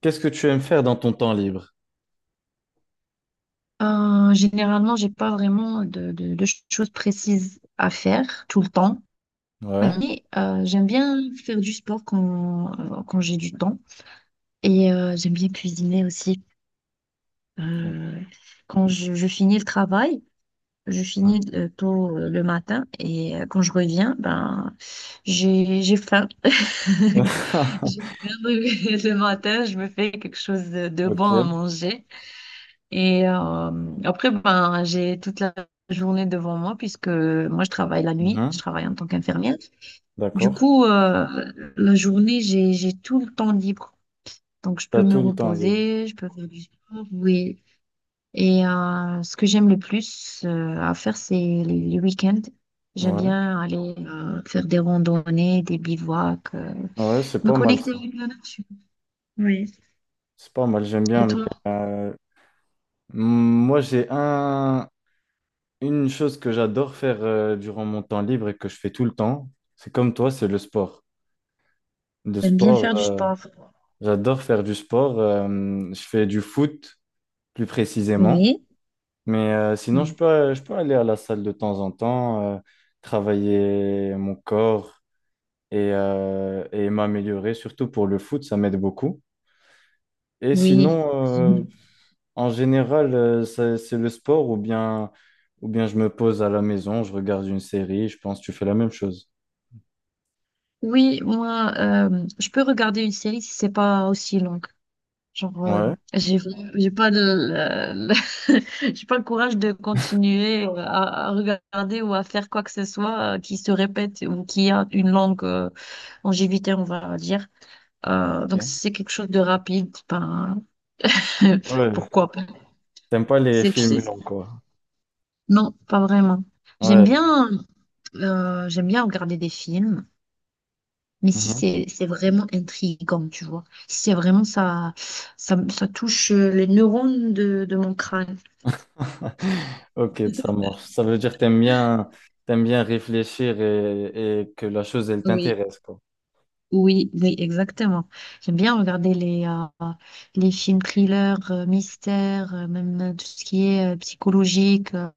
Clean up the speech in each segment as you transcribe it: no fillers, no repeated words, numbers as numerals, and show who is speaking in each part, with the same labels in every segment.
Speaker 1: Qu'est-ce que tu aimes faire dans ton temps libre?
Speaker 2: Généralement, j'ai pas vraiment de choses précises à faire tout le temps,
Speaker 1: Ouais.
Speaker 2: mais j'aime bien faire du sport quand, quand j'ai du temps et j'aime bien cuisiner aussi. Euh, Quand je finis le travail, je finis tôt le matin et quand je reviens, ben j'ai faim. J'ai faim le matin, je me fais quelque chose de bon
Speaker 1: Ok.
Speaker 2: à manger. Et après, ben, j'ai toute la journée devant moi puisque moi, je travaille la nuit, je
Speaker 1: Mhm.
Speaker 2: travaille en tant qu'infirmière. Du
Speaker 1: D'accord.
Speaker 2: coup, la journée, j'ai tout le temps libre. Donc, je
Speaker 1: T'as
Speaker 2: peux me
Speaker 1: tout le temps libre.
Speaker 2: reposer, je peux faire du sport, oui. Et ce que j'aime le plus à faire, c'est les week-ends. J'aime
Speaker 1: Ouais.
Speaker 2: bien aller faire des randonnées, des bivouacs,
Speaker 1: Ouais, c'est
Speaker 2: me
Speaker 1: pas mal
Speaker 2: connecter
Speaker 1: ça.
Speaker 2: avec la nature. Oui.
Speaker 1: C'est pas mal, j'aime bien.
Speaker 2: Et
Speaker 1: Mais,
Speaker 2: toi,
Speaker 1: euh, moi, une chose que j'adore faire durant mon temps libre et que je fais tout le temps. C'est comme toi, c'est le sport. Le
Speaker 2: t'aimes bien
Speaker 1: sport,
Speaker 2: faire du
Speaker 1: euh,
Speaker 2: sport?
Speaker 1: J'adore faire du sport. Je fais du foot, plus précisément.
Speaker 2: Oui,
Speaker 1: Mais sinon,
Speaker 2: oui,
Speaker 1: je peux aller à la salle de temps en temps, travailler mon corps et m'améliorer, surtout pour le foot, ça m'aide beaucoup. Et
Speaker 2: oui.
Speaker 1: sinon, en général, c'est le sport ou bien je me pose à la maison, je regarde une série, je pense que tu fais la même chose.
Speaker 2: Oui, moi, je peux regarder une série si c'est pas aussi longue. Genre,
Speaker 1: Ouais.
Speaker 2: j'ai j'ai pas de, j'ai pas le courage de continuer à regarder ou à faire quoi que ce soit qui se répète ou qui a une longue longévité, on va dire.
Speaker 1: Ok.
Speaker 2: Donc, si c'est quelque chose de rapide, ben,
Speaker 1: Ouais.
Speaker 2: pourquoi pas.
Speaker 1: T'aimes pas les
Speaker 2: C'est, tu sais,
Speaker 1: films longs, quoi.
Speaker 2: non, pas vraiment. J'aime
Speaker 1: Ouais.
Speaker 2: bien, j'aime bien regarder des films. Mais si c'est vraiment intriguant, tu vois. Si c'est vraiment ça, ça, ça touche les neurones de mon crâne.
Speaker 1: Ok, ça marche. Ça veut dire que t'aimes bien réfléchir et que la chose, elle
Speaker 2: Oui,
Speaker 1: t'intéresse, quoi.
Speaker 2: oui, oui, exactement. J'aime bien regarder les films thrillers, mystères, même tout ce qui est psychologique.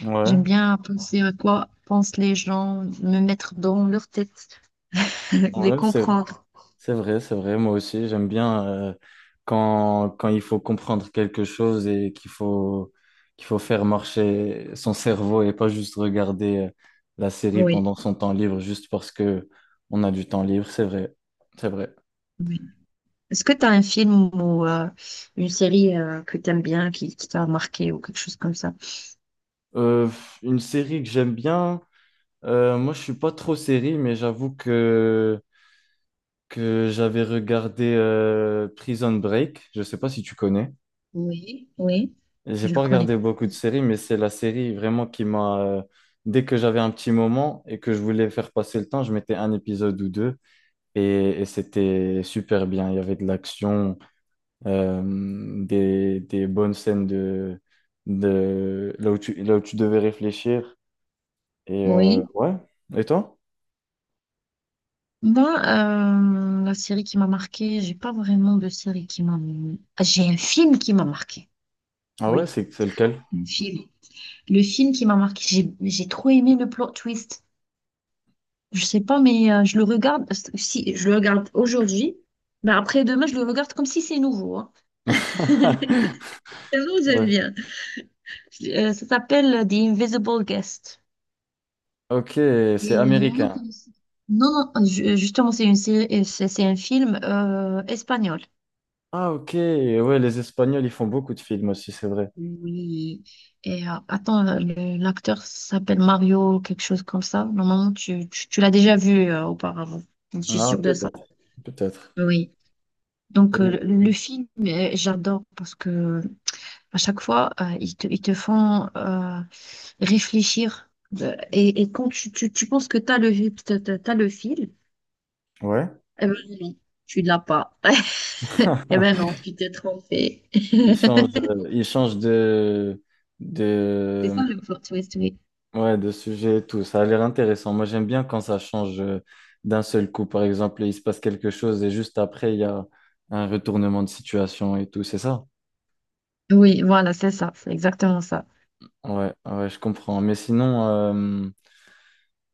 Speaker 1: Ouais,
Speaker 2: J'aime bien penser à quoi pensent les gens, me mettre dans leur tête, les
Speaker 1: ouais,
Speaker 2: comprendre.
Speaker 1: c'est vrai, c'est vrai. Moi aussi, j'aime bien quand, quand il faut comprendre quelque chose et qu'il faut faire marcher son cerveau et pas juste regarder la série
Speaker 2: Oui,
Speaker 1: pendant son temps libre juste parce que on a du temps libre. C'est vrai, c'est vrai.
Speaker 2: oui. Est-ce que tu as un film ou une série que tu aimes bien, qui t'a marqué ou quelque chose comme ça?
Speaker 1: Euh, une série que j'aime bien, moi, je suis pas trop série, mais j'avoue que j'avais regardé Prison Break. Je sais pas si tu connais.
Speaker 2: Oui, oui,
Speaker 1: J'ai
Speaker 2: je
Speaker 1: pas
Speaker 2: le connais.
Speaker 1: regardé beaucoup de séries, mais c'est la série vraiment qui m'a. Dès que j'avais un petit moment et que je voulais faire passer le temps, je mettais un épisode ou deux et c'était super bien. Il y avait de l'action, euh, des bonnes scènes de là où tu devais réfléchir. Et
Speaker 2: Oui.
Speaker 1: ouais. Et toi?
Speaker 2: Moi, la série qui m'a marquée, j'ai pas vraiment de série qui m'a... Ah, j'ai un film qui m'a marqué.
Speaker 1: Ah ouais,
Speaker 2: Oui,
Speaker 1: c'est lequel?
Speaker 2: un film. Le film qui m'a marqué, j'ai trop aimé le plot twist. Je sais pas, mais je le regarde, si je le regarde aujourd'hui, mais après demain, je le regarde comme si c'est nouveau. Hein. Tellement j'aime
Speaker 1: Ouais.
Speaker 2: bien. Ça s'appelle The Invisible Guest.
Speaker 1: Ok, c'est
Speaker 2: Et normalement,
Speaker 1: américain.
Speaker 2: Non, non, justement, c'est une série, c'est un film espagnol.
Speaker 1: Ah, ok. Ouais, les Espagnols, ils font beaucoup de films aussi, c'est vrai.
Speaker 2: Oui. Et attends, l'acteur s'appelle Mario, quelque chose comme ça. Normalement, tu l'as déjà vu auparavant. Je suis
Speaker 1: Ah,
Speaker 2: sûre de ça.
Speaker 1: peut-être. Peut-être.
Speaker 2: Oui. Donc,
Speaker 1: Et-
Speaker 2: le film, j'adore parce que à chaque fois, ils te font réfléchir. Et quand tu penses que tu as t'as le fil,
Speaker 1: Ouais.
Speaker 2: eh ben non, tu l'as pas. Eh ben non, tu t'es trompé. C'est
Speaker 1: Ils changent
Speaker 2: ça
Speaker 1: de,
Speaker 2: le plot twist, oui.
Speaker 1: ouais, de sujet et tout. Ça a l'air intéressant. Moi, j'aime bien quand ça change d'un seul coup. Par exemple, il se passe quelque chose et juste après, il y a un retournement de situation et tout. C'est ça?
Speaker 2: Oui, voilà, c'est ça, c'est exactement ça.
Speaker 1: Ouais, ouais, je comprends. Mais sinon,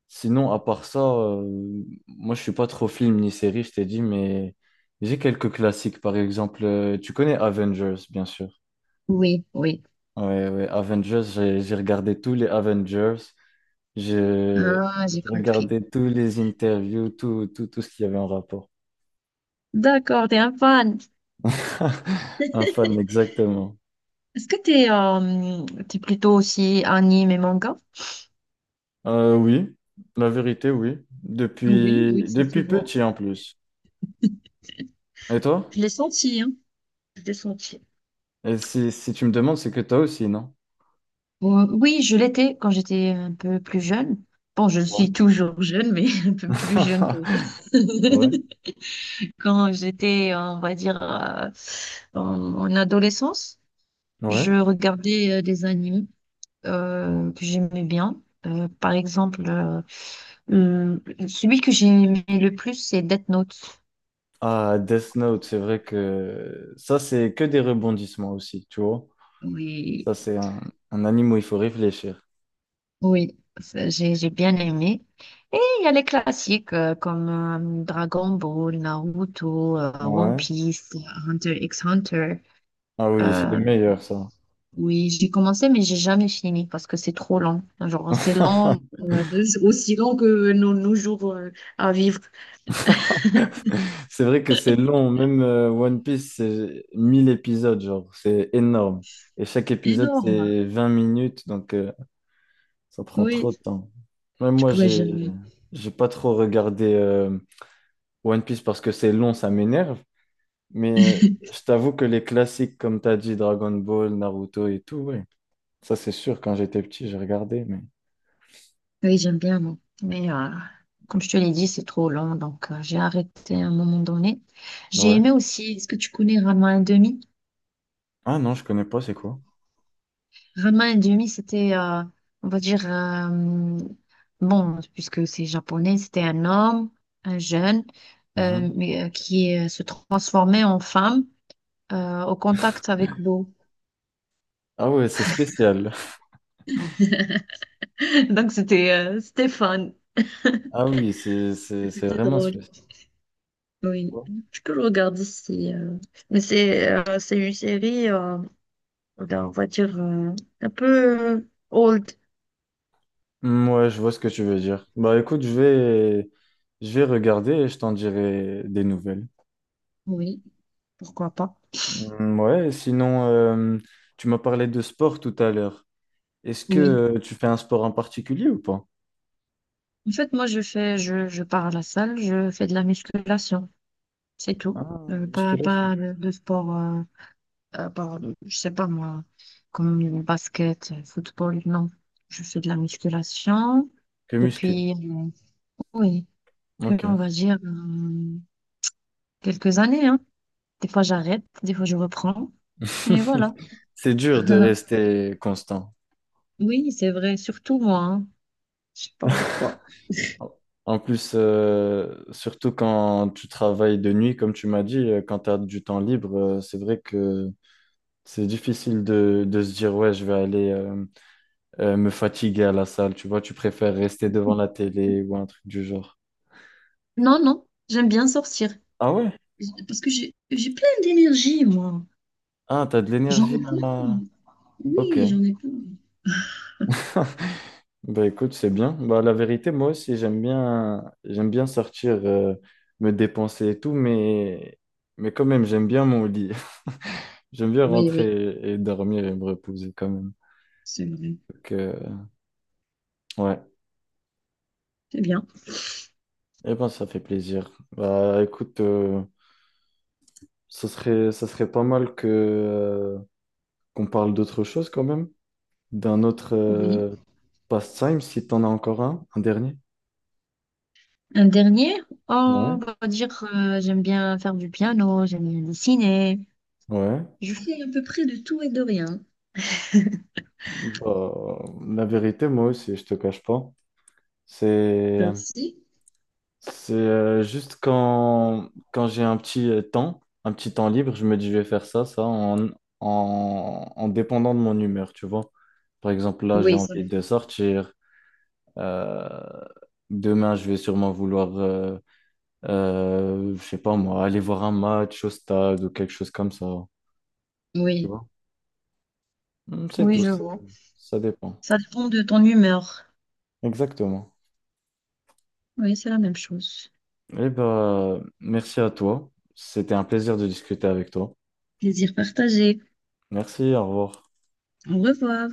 Speaker 1: sinon, à part ça, moi je suis pas trop film ni série, je t'ai dit, mais j'ai quelques classiques. Par exemple, tu connais Avengers, bien sûr.
Speaker 2: Oui, oui.
Speaker 1: Ouais, ouais, Avengers, j'ai regardé tous les Avengers, j'ai
Speaker 2: Ah, j'ai
Speaker 1: j'ai
Speaker 2: compris.
Speaker 1: regardé tous les interviews, tout, tout, tout ce qu'il y avait en rapport.
Speaker 2: D'accord, t'es un fan.
Speaker 1: Un fan, exactement.
Speaker 2: Est-ce que t'es plutôt aussi anime et manga?
Speaker 1: Oui, la vérité, oui.
Speaker 2: Oui,
Speaker 1: Depuis,
Speaker 2: oui, ça se
Speaker 1: depuis
Speaker 2: voit.
Speaker 1: petit en plus. Et toi?
Speaker 2: Je l'ai senti, hein. Je l'ai senti.
Speaker 1: Et si, si tu me demandes, c'est que toi aussi, non?
Speaker 2: Bon, oui, je l'étais quand j'étais un peu plus jeune. Bon, je
Speaker 1: Ouais.
Speaker 2: suis toujours jeune, mais un peu plus jeune que
Speaker 1: Ouais.
Speaker 2: quand j'étais, on va dire, en, en adolescence.
Speaker 1: Ouais.
Speaker 2: Je regardais des animes que j'aimais bien. Par exemple, euh, celui que j'ai aimé le plus, c'est Death Note.
Speaker 1: Ah, Death Note, c'est vrai que ça, c'est que des rebondissements aussi, tu vois.
Speaker 2: Oui,
Speaker 1: Ça, c'est un anime où il faut réfléchir.
Speaker 2: oui, ça, j'ai bien aimé. Et il y a les classiques comme Dragon Ball, Naruto, One
Speaker 1: Ouais.
Speaker 2: Piece, Hunter x Hunter.
Speaker 1: Ah oui, c'est les
Speaker 2: Euh,
Speaker 1: meilleurs, ça.
Speaker 2: oui, j'ai commencé, mais j'ai jamais fini parce que c'est trop long. Genre, c'est long, aussi long que nos jours à vivre.
Speaker 1: C'est vrai que c'est long, même One Piece, c'est 1000 épisodes, genre, c'est énorme. Et chaque épisode,
Speaker 2: Énorme.
Speaker 1: c'est 20 minutes, donc ça prend
Speaker 2: Oui.
Speaker 1: trop de temps. Même
Speaker 2: Du
Speaker 1: moi,
Speaker 2: coup, ouais,
Speaker 1: j'ai j'ai pas trop regardé One Piece parce que c'est long, ça m'énerve. Mais je t'avoue que les classiques, comme t'as dit, Dragon Ball, Naruto et tout, ouais. Ça, c'est sûr, quand j'étais petit, j'ai regardé, mais...
Speaker 2: oui, j'aime bien, moi. Mais comme je te l'ai dit, c'est trop long, donc j'ai arrêté à un moment donné. J'ai
Speaker 1: Ouais.
Speaker 2: aimé aussi, est-ce que tu connais Rama un demi?
Speaker 1: Ah non, je connais pas, c'est quoi?
Speaker 2: Rama un demi, c'était, on va dire, bon, puisque c'est japonais, c'était un homme, un jeune,
Speaker 1: Mhm.
Speaker 2: mais, qui se transformait en femme au contact avec l'eau.
Speaker 1: Ah ouais, c'est spécial.
Speaker 2: Donc, c'était fun,
Speaker 1: Ah oui, c'est
Speaker 2: c'était
Speaker 1: vraiment
Speaker 2: drôle.
Speaker 1: spécial.
Speaker 2: Oui, je peux le regarder si. Mais c'est une série, on va dire, un peu old.
Speaker 1: Hmm, ouais, je vois ce que tu veux dire. Bah écoute, je vais regarder et je t'en dirai des nouvelles.
Speaker 2: Oui, pourquoi pas.
Speaker 1: Hmm, ouais, sinon, tu m'as parlé de sport tout à l'heure. Est-ce que
Speaker 2: Oui.
Speaker 1: tu fais un sport en particulier ou pas?
Speaker 2: En fait, moi, je pars à la salle, je fais de la musculation, c'est tout.
Speaker 1: Ah,
Speaker 2: Pas
Speaker 1: musculation.
Speaker 2: pas de, de sport, euh, par- je sais pas moi, comme le basket, football, non. Je fais de la musculation
Speaker 1: Que muscu.
Speaker 2: depuis, oui, depuis, on
Speaker 1: Ok.
Speaker 2: va dire, quelques années, hein. Des fois, j'arrête, des fois, je reprends. Et voilà.
Speaker 1: C'est dur de rester constant.
Speaker 2: Oui, c'est vrai, surtout moi. Hein. Je sais pas pourquoi.
Speaker 1: En plus, surtout quand tu travailles de nuit, comme tu m'as dit, quand tu as du temps libre, c'est vrai que c'est difficile de se dire, ouais, je vais aller me fatiguer à la salle. Tu vois, tu préfères rester devant la télé ou un truc du genre.
Speaker 2: Non, non, j'aime bien sortir.
Speaker 1: Ah ouais?
Speaker 2: Parce que j'ai plein d'énergie, moi.
Speaker 1: Ah, t'as de
Speaker 2: J'en
Speaker 1: l'énergie
Speaker 2: ai
Speaker 1: à...
Speaker 2: plein.
Speaker 1: Ok.
Speaker 2: Oui, j'en ai plein.
Speaker 1: Bah écoute, c'est bien. Bah la vérité, moi aussi, j'aime bien sortir me dépenser et tout, mais quand même, j'aime bien mon lit. J'aime bien
Speaker 2: Oui,
Speaker 1: rentrer
Speaker 2: oui,
Speaker 1: et dormir et me reposer quand même.
Speaker 2: c'est vrai.
Speaker 1: Donc ouais.
Speaker 2: C'est bien.
Speaker 1: Eh ben ça fait plaisir. Bah écoute, ça serait pas mal que qu'on parle d'autre chose quand même, d'un autre
Speaker 2: Oui.
Speaker 1: pastime si t'en as encore un dernier.
Speaker 2: Un dernier? Oh, on
Speaker 1: Ouais.
Speaker 2: va dire, j'aime bien faire du piano, j'aime bien dessiner.
Speaker 1: Ouais.
Speaker 2: Je fais à peu près de tout et de rien.
Speaker 1: Bah, la vérité, moi aussi, je te cache pas. C'est,
Speaker 2: Merci.
Speaker 1: juste quand, quand j'ai un petit temps, un petit temps libre, je me dis je vais faire ça, ça, en, en, en dépendant de mon humeur, tu vois. Par exemple, là, j'ai
Speaker 2: Oui, ça
Speaker 1: envie de
Speaker 2: dépend.
Speaker 1: sortir. euh, Demain, je vais sûrement vouloir, je sais pas moi, aller voir un match au stade ou quelque chose comme ça. Tu
Speaker 2: Oui,
Speaker 1: vois? Hmm, c'est
Speaker 2: oui,
Speaker 1: tout,
Speaker 2: je
Speaker 1: ça,
Speaker 2: vois.
Speaker 1: ça dépend.
Speaker 2: Ça dépend de ton humeur.
Speaker 1: Exactement.
Speaker 2: Oui, c'est la même chose.
Speaker 1: Eh ben, merci à toi. C'était un plaisir de discuter avec toi.
Speaker 2: Plaisir partagé.
Speaker 1: Merci, au revoir.
Speaker 2: Au revoir.